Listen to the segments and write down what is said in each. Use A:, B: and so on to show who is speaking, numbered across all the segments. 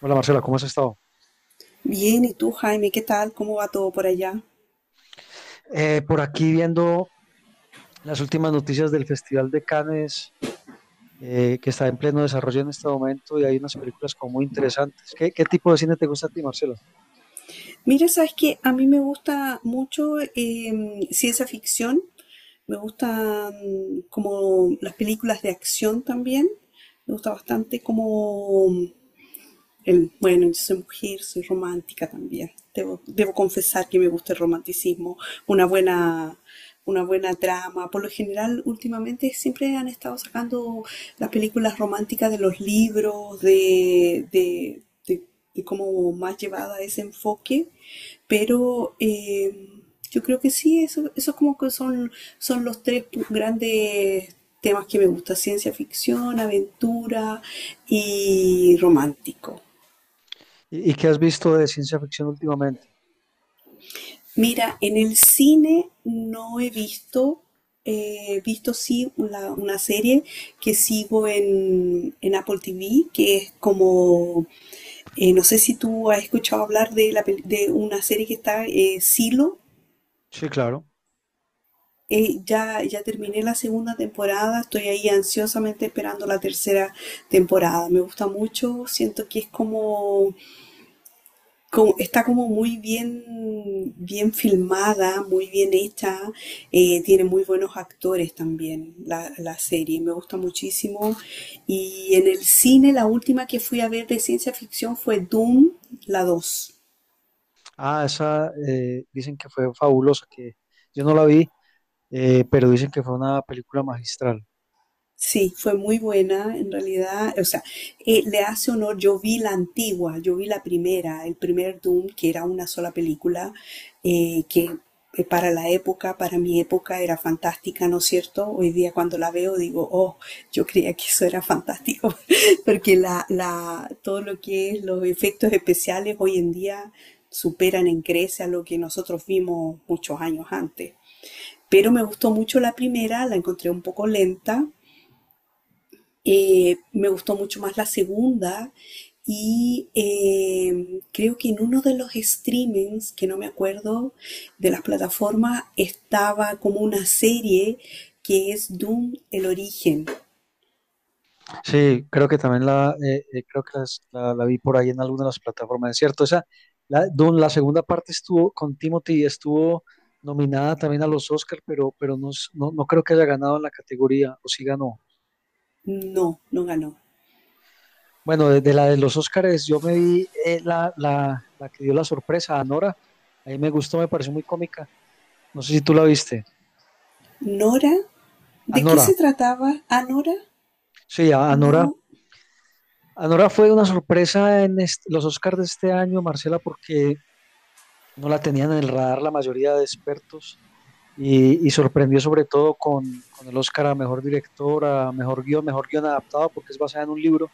A: Hola Marcela, ¿cómo has estado?
B: Bien, ¿y tú, Jaime? ¿Qué tal? ¿Cómo va todo por allá?
A: Por aquí viendo las últimas noticias del Festival de Cannes, que está en pleno desarrollo en este momento y hay unas películas como muy interesantes. ¿Qué tipo de cine te gusta a ti, Marcela?
B: Mira, sabes que a mí me gusta mucho ciencia ficción, me gustan como las películas de acción también, me gusta bastante como bueno, yo soy mujer, soy romántica también. Debo confesar que me gusta el romanticismo, una buena, una buena trama. Por lo general, últimamente siempre han estado sacando las películas románticas de los libros, de, de cómo más llevada a ese enfoque. Pero yo creo que sí, eso como que son los tres grandes temas que me gusta, ciencia ficción, aventura y romántico.
A: ¿Y qué has visto de ciencia ficción últimamente?
B: Mira, en el cine no he visto, he visto sí una serie que sigo en Apple TV, que es como, no sé si tú has escuchado hablar de una serie que está, Silo.
A: Sí, claro.
B: Ya terminé la segunda temporada, estoy ahí ansiosamente esperando la tercera temporada. Me gusta mucho, siento que es como está como muy bien, bien filmada, muy bien hecha, tiene muy buenos actores también la serie, me gusta muchísimo. Y en el cine la última que fui a ver de ciencia ficción fue Doom, la dos.
A: Ah, esa, dicen que fue fabulosa, que yo no la vi, pero dicen que fue una película magistral.
B: Sí, fue muy buena en realidad. O sea, le hace honor. Yo vi la antigua, yo vi la primera, el primer Doom, que era una sola película, que para la época, para mi época, era fantástica, ¿no es cierto? Hoy día cuando la veo digo, oh, yo creía que eso era fantástico, porque todo lo que es los efectos especiales hoy en día superan en creces a lo que nosotros vimos muchos años antes. Pero me gustó mucho la primera, la encontré un poco lenta, me gustó mucho más la segunda y creo que en uno de los streamings, que no me acuerdo, de las plataformas, estaba como una serie que es Doom, el origen.
A: Sí, creo que también creo que la vi por ahí en alguna de las plataformas, ¿es cierto? Esa, la Dune, la segunda parte estuvo con Timothy, estuvo nominada también a los Oscar, pero, no creo que haya ganado en la categoría, o sí ganó.
B: No, no ganó.
A: Bueno, de la de los Oscars, yo me vi la que dio la sorpresa, Anora. Ahí me gustó, me pareció muy cómica, no sé si tú la viste.
B: Nora, ¿de qué
A: Anora,
B: se trataba? ¿A Nora?
A: sí, Anora.
B: No.
A: Anora fue una sorpresa en los Oscars de este año, Marcela, porque no la tenían en el radar la mayoría de expertos, y sorprendió sobre todo con, el Oscar a Mejor Director, a Mejor Guión, Mejor Guión Adaptado, porque es basada en un libro.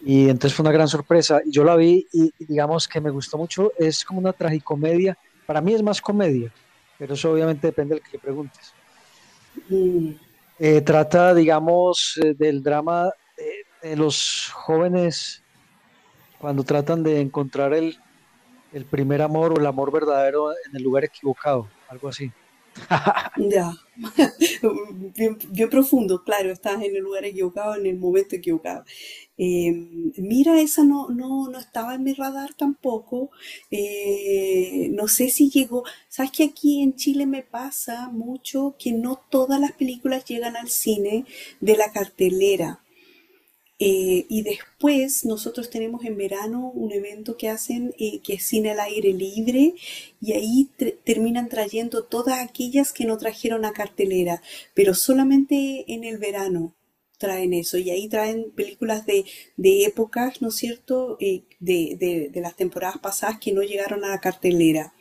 A: Y entonces fue una gran sorpresa. Y yo la vi y digamos que me gustó mucho. Es como una tragicomedia. Para mí es más comedia, pero eso obviamente depende del que le preguntes.
B: Mm,
A: Trata, digamos, del drama de, de los jóvenes cuando tratan de encontrar el primer amor o el amor verdadero en el lugar equivocado, algo así.
B: ya. Bien, bien profundo, claro, estás en el lugar equivocado, en el momento equivocado. Eh, mira, esa no estaba en mi radar tampoco. No sé si llegó. Sabes que aquí en Chile me pasa mucho que no todas las películas llegan al cine de la cartelera. Y después nosotros tenemos en verano un evento que hacen que es cine al aire libre y ahí terminan trayendo todas aquellas que no trajeron a cartelera, pero solamente en el verano traen eso y ahí traen películas de épocas, ¿no es cierto?, de las temporadas pasadas que no llegaron a la cartelera.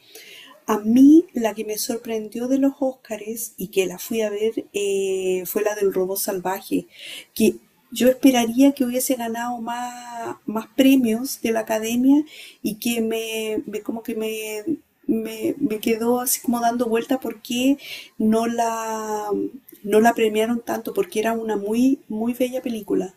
B: A mí la que me sorprendió de los Óscares y que la fui a ver fue la del robot salvaje, que yo esperaría que hubiese ganado más premios de la academia y que como que me quedó así como dando vuelta por qué no la, no la premiaron tanto, porque era una muy bella película.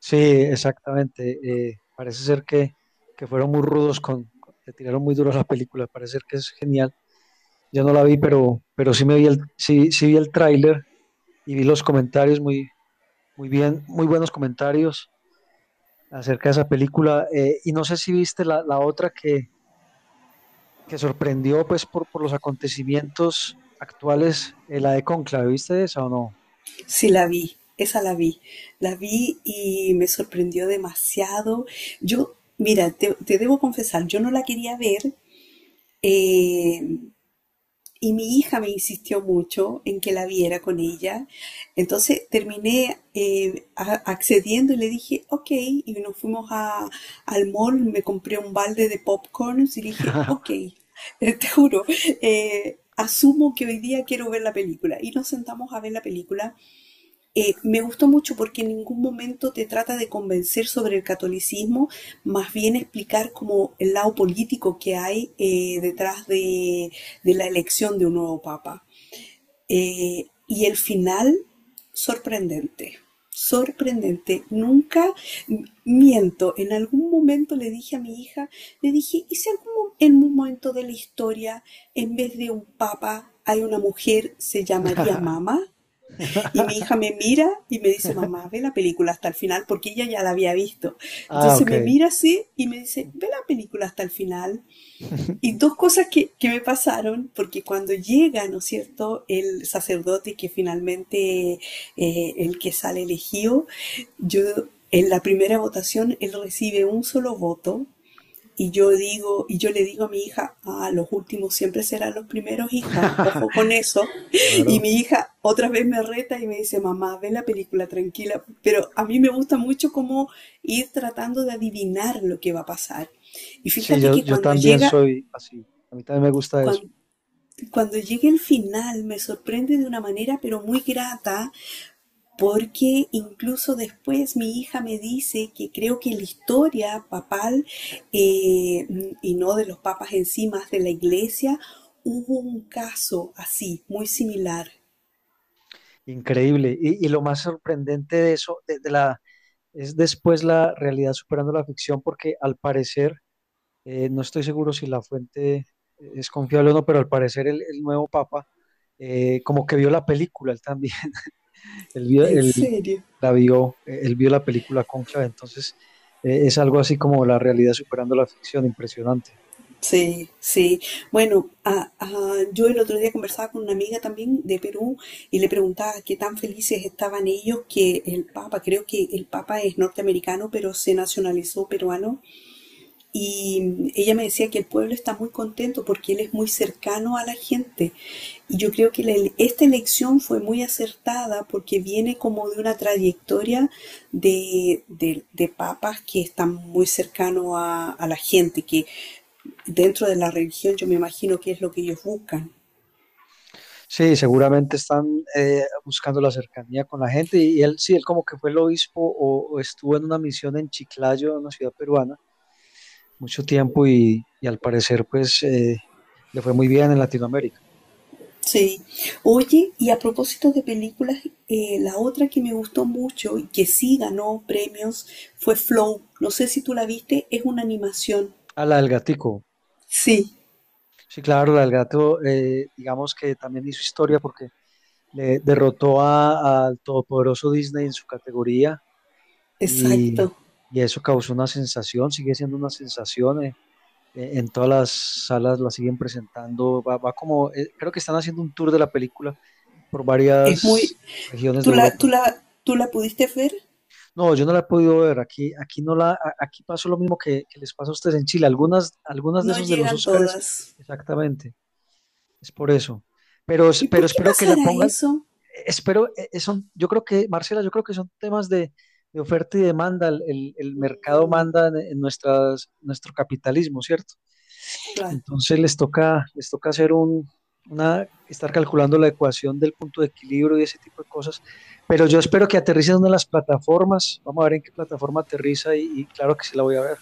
A: Sí, exactamente. Parece ser que, fueron muy rudos con, le tiraron muy duro a la película. Parece ser que es genial. Yo no la vi, pero, sí me vi sí, vi el tráiler y vi los comentarios muy, muy bien, muy buenos comentarios acerca de esa película. Y no sé si viste la, otra que, sorprendió pues por, los acontecimientos actuales, la de Conclave. ¿Viste esa o no?
B: Sí, la vi, esa la vi. La vi y me sorprendió demasiado. Yo, mira, te debo confesar, yo no la quería ver eh, y mi hija me insistió mucho en que la viera con ella. Entonces terminé accediendo y le dije, ok, y nos fuimos al mall, me compré un balde de popcorns y dije, ok, te juro, asumo que hoy día quiero ver la película. Y nos sentamos a ver la película me gustó mucho porque en ningún momento te trata de convencer sobre el catolicismo, más bien explicar como el lado político que hay detrás la elección de un nuevo papa. Y el final, sorprendente, sorprendente. Nunca miento, en algún momento le dije a mi hija, le dije, ¿y si algún, en un momento de la historia, en vez de un papa, hay una mujer, se llamaría mamá? Y mi hija me mira y me dice, mamá, ve la película hasta el final, porque ella ya la había visto.
A: Ah,
B: Entonces
A: ok.
B: me mira así y me dice, ve la película hasta el final. Y dos cosas que me pasaron, porque cuando llega, ¿no es cierto?, el sacerdote que finalmente el que sale elegido, yo en la primera votación él recibe un solo voto y yo digo, y yo le digo a mi hija, ah, los últimos siempre serán los primeros, hija, ojo con eso. Y
A: Claro.
B: mi hija otra vez me reta y me dice, mamá, ve la película tranquila. Pero a mí me gusta mucho cómo ir tratando de adivinar lo que va a pasar. Y
A: Sí,
B: fíjate que
A: yo
B: cuando
A: también
B: llega,
A: soy así. A mí también me gusta eso.
B: cuan- llegue el final, me sorprende de una manera pero muy grata, porque incluso después mi hija me dice que creo que la historia papal, eh, y no de los papas en sí, más de la iglesia, hubo un caso así, muy similar.
A: Increíble. Y lo más sorprendente de eso, es después la realidad superando la ficción, porque al parecer, no estoy seguro si la fuente es confiable o no, pero al parecer el, nuevo papa como que vio la película, él también.
B: ¿En
A: Él
B: serio?
A: la vio. Él vio la película Cónclave. Entonces, es algo así como la realidad superando la ficción, impresionante.
B: Sí, sí. Bueno, ah, ah, yo el otro día conversaba con una amiga también de Perú y le preguntaba qué tan felices estaban ellos que el Papa, creo que el Papa es norteamericano, pero se nacionalizó peruano. Y ella me decía que el pueblo está muy contento porque él es muy cercano a la gente. Y yo creo que la esta elección fue muy acertada porque viene como de una trayectoria de papas que están muy cercanos a la gente, que dentro de la religión yo me imagino que es lo que ellos buscan.
A: Sí, seguramente están buscando la cercanía con la gente, y él, sí, él como que fue el obispo, o estuvo en una misión en Chiclayo, una ciudad peruana, mucho tiempo, y al parecer pues le fue muy bien en Latinoamérica.
B: Sí. Oye, y a propósito de películas, la otra que me gustó mucho y que sí ganó premios fue Flow. No sé si tú la viste, es una animación.
A: A la del gatico,
B: Sí,
A: sí, claro, la del gato, digamos que también hizo historia porque le derrotó al todopoderoso Disney en su categoría, y,
B: exacto.
A: y eso causó una sensación, sigue siendo una sensación. En todas las salas la siguen presentando, va, como, creo que están haciendo un tour de la película por
B: Es muy...
A: varias regiones de Europa.
B: ¿Tú la pudiste ver?
A: No, yo no la he podido ver. Aquí, aquí no la, a- aquí pasó lo mismo que, les pasa a ustedes en Chile, algunas, de
B: No
A: esos de los
B: llegan
A: Óscares,
B: todas.
A: exactamente, es por eso. Pero,
B: ¿Y
A: pero
B: por qué
A: espero que la
B: pasará
A: pongan,
B: eso?
A: espero, yo creo que, Marcela, yo creo que son temas de, oferta y demanda. El, el mercado
B: Mm,
A: manda en, nuestras, nuestro capitalismo, ¿cierto?
B: claro.
A: Entonces les toca hacer una, estar calculando la ecuación del punto de equilibrio y ese tipo de cosas. Pero yo espero que aterrice en una de las plataformas. Vamos a ver en qué plataforma aterriza, y claro que sí la voy a ver.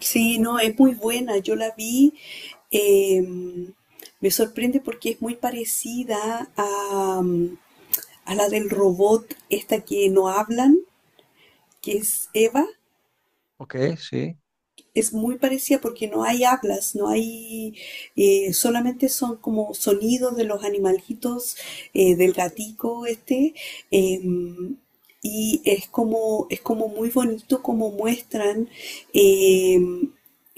B: Sí, no, es muy buena. Yo la vi. eh, me sorprende porque es muy parecida a la del robot, esta que no hablan, que es Eva.
A: Ok, sí.
B: Es muy parecida porque no hay hablas, no hay, solamente son como sonidos de los animalitos, del gatico este, eh, y es como muy bonito como muestran eh,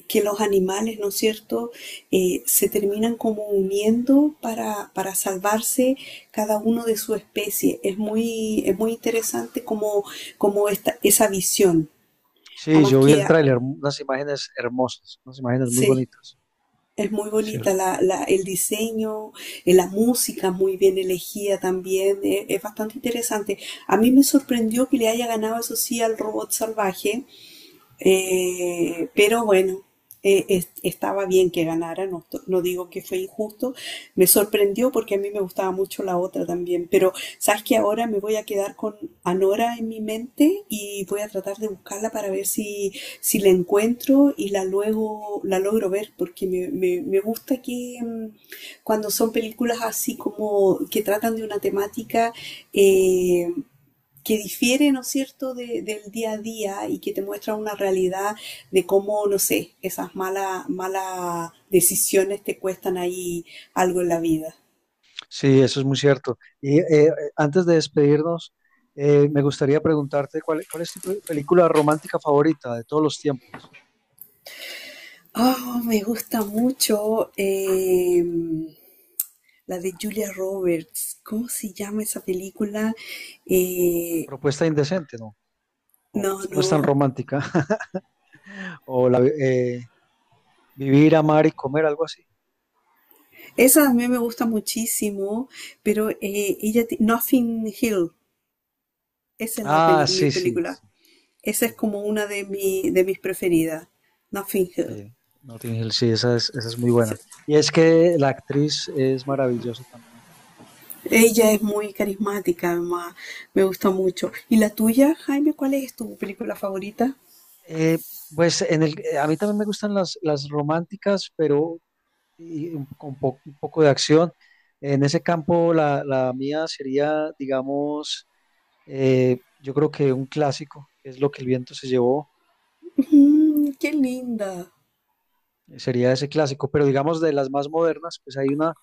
B: que los animales, ¿no es cierto?, se terminan como uniendo para salvarse cada uno de su especie. Es muy interesante como esa visión.
A: Sí,
B: Además
A: yo vi
B: que,
A: el
B: ah,
A: tráiler, unas imágenes hermosas, unas imágenes muy
B: sí.
A: bonitas.
B: Es muy
A: Eso es
B: bonita
A: cierto.
B: el diseño, la música muy bien elegida también, es bastante interesante. A mí me sorprendió que le haya ganado, eso sí, al robot salvaje, pero bueno, estaba bien que ganara, no, no digo que fue injusto, me sorprendió porque a mí me gustaba mucho la otra también, pero sabes que ahora me voy a quedar con Anora en mi mente y voy a tratar de buscarla para ver si, si la encuentro y la luego la logro ver, porque me gusta que mm, cuando son películas así como que tratan de una temática, eh, que difiere, ¿no es cierto?, del día a día y que te muestra una realidad de cómo, no sé, esas malas decisiones te cuestan ahí algo en la vida.
A: Sí, eso es muy cierto. Y antes de despedirnos, me gustaría preguntarte cuál, es tu película romántica favorita de todos los tiempos.
B: Oh, me gusta mucho la de Julia Roberts. ¿Cómo se llama esa película? Eh,
A: Propuesta indecente, ¿no? No,
B: no,
A: esta no es tan
B: no.
A: romántica. O Vivir, amar y comer, algo así.
B: Esa a mí me gusta muchísimo, pero Nothing Hill, esa es
A: Ah,
B: mi
A: sí, sí,
B: película.
A: sí,
B: Esa es
A: sí,
B: como una de, mi, de mis preferidas, Nothing Hill.
A: sí. Notting Hill, sí, esa es muy
B: Sí.
A: buena. Y es que la actriz es maravillosa también.
B: Ella es muy carismática, además, me gusta mucho. ¿Y la tuya, Jaime, cuál es tu película favorita?
A: Eh, pues en a mí también me gustan las, románticas, pero un poco de acción. En ese campo, la, mía sería, digamos, yo creo que un clásico, que es Lo que el viento se llevó.
B: Mm, qué linda.
A: Sería ese clásico, pero digamos de las más modernas, pues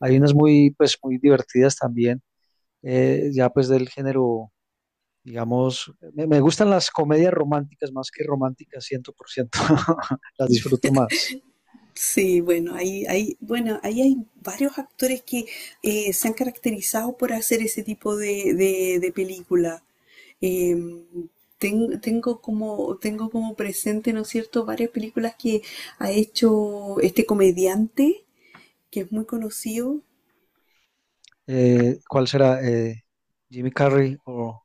A: hay unas muy, pues muy divertidas también. Ya pues del género, digamos, me, gustan las comedias románticas más que románticas, 100% las disfruto más.
B: Sí, bueno, ahí, ahí, bueno, ahí hay varios actores que se han caracterizado por hacer ese tipo de película. Eh, tengo como presente, ¿no es cierto?, varias películas que ha hecho este comediante que es muy conocido.
A: ¿Cuál será? Jimmy Carrey o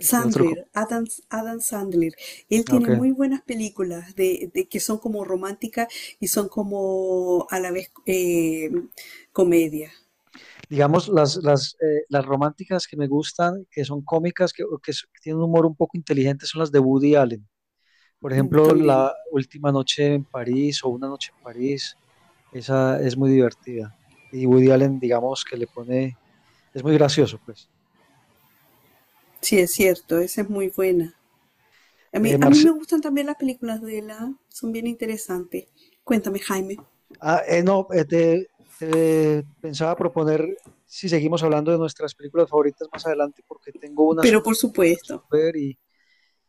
A: ¿qué otro?
B: Sandler, Adam Sandler. Él
A: Ok.
B: tiene muy buenas películas de que son como románticas y son como a la vez comedia
A: Digamos, las, las románticas que me gustan, que son cómicas, que, que tienen un humor un poco inteligente, son las de Woody Allen. Por
B: mm,
A: ejemplo,
B: también.
A: La Última Noche en París o Una Noche en París, esa es muy divertida. Y Woody Allen, digamos, que le pone, es muy gracioso, pues.
B: Sí, es cierto, esa es muy buena.
A: Eh,
B: A mí
A: Marce-
B: me gustan también las películas de la, son bien interesantes. Cuéntame, Jaime.
A: no, te pensaba proponer si seguimos hablando de nuestras películas favoritas más adelante, porque tengo un
B: Pero por
A: asunto que
B: supuesto,
A: resolver. y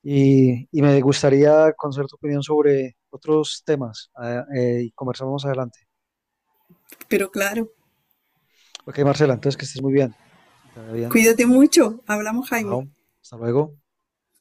A: Y, y me gustaría conocer tu opinión sobre otros temas, ah, y conversamos más adelante.
B: pero claro,
A: Ok, Marcela, entonces que estés muy bien. Te vaya bien.
B: cuídate mucho. Hablamos, Jaime.
A: Chao. Hasta luego.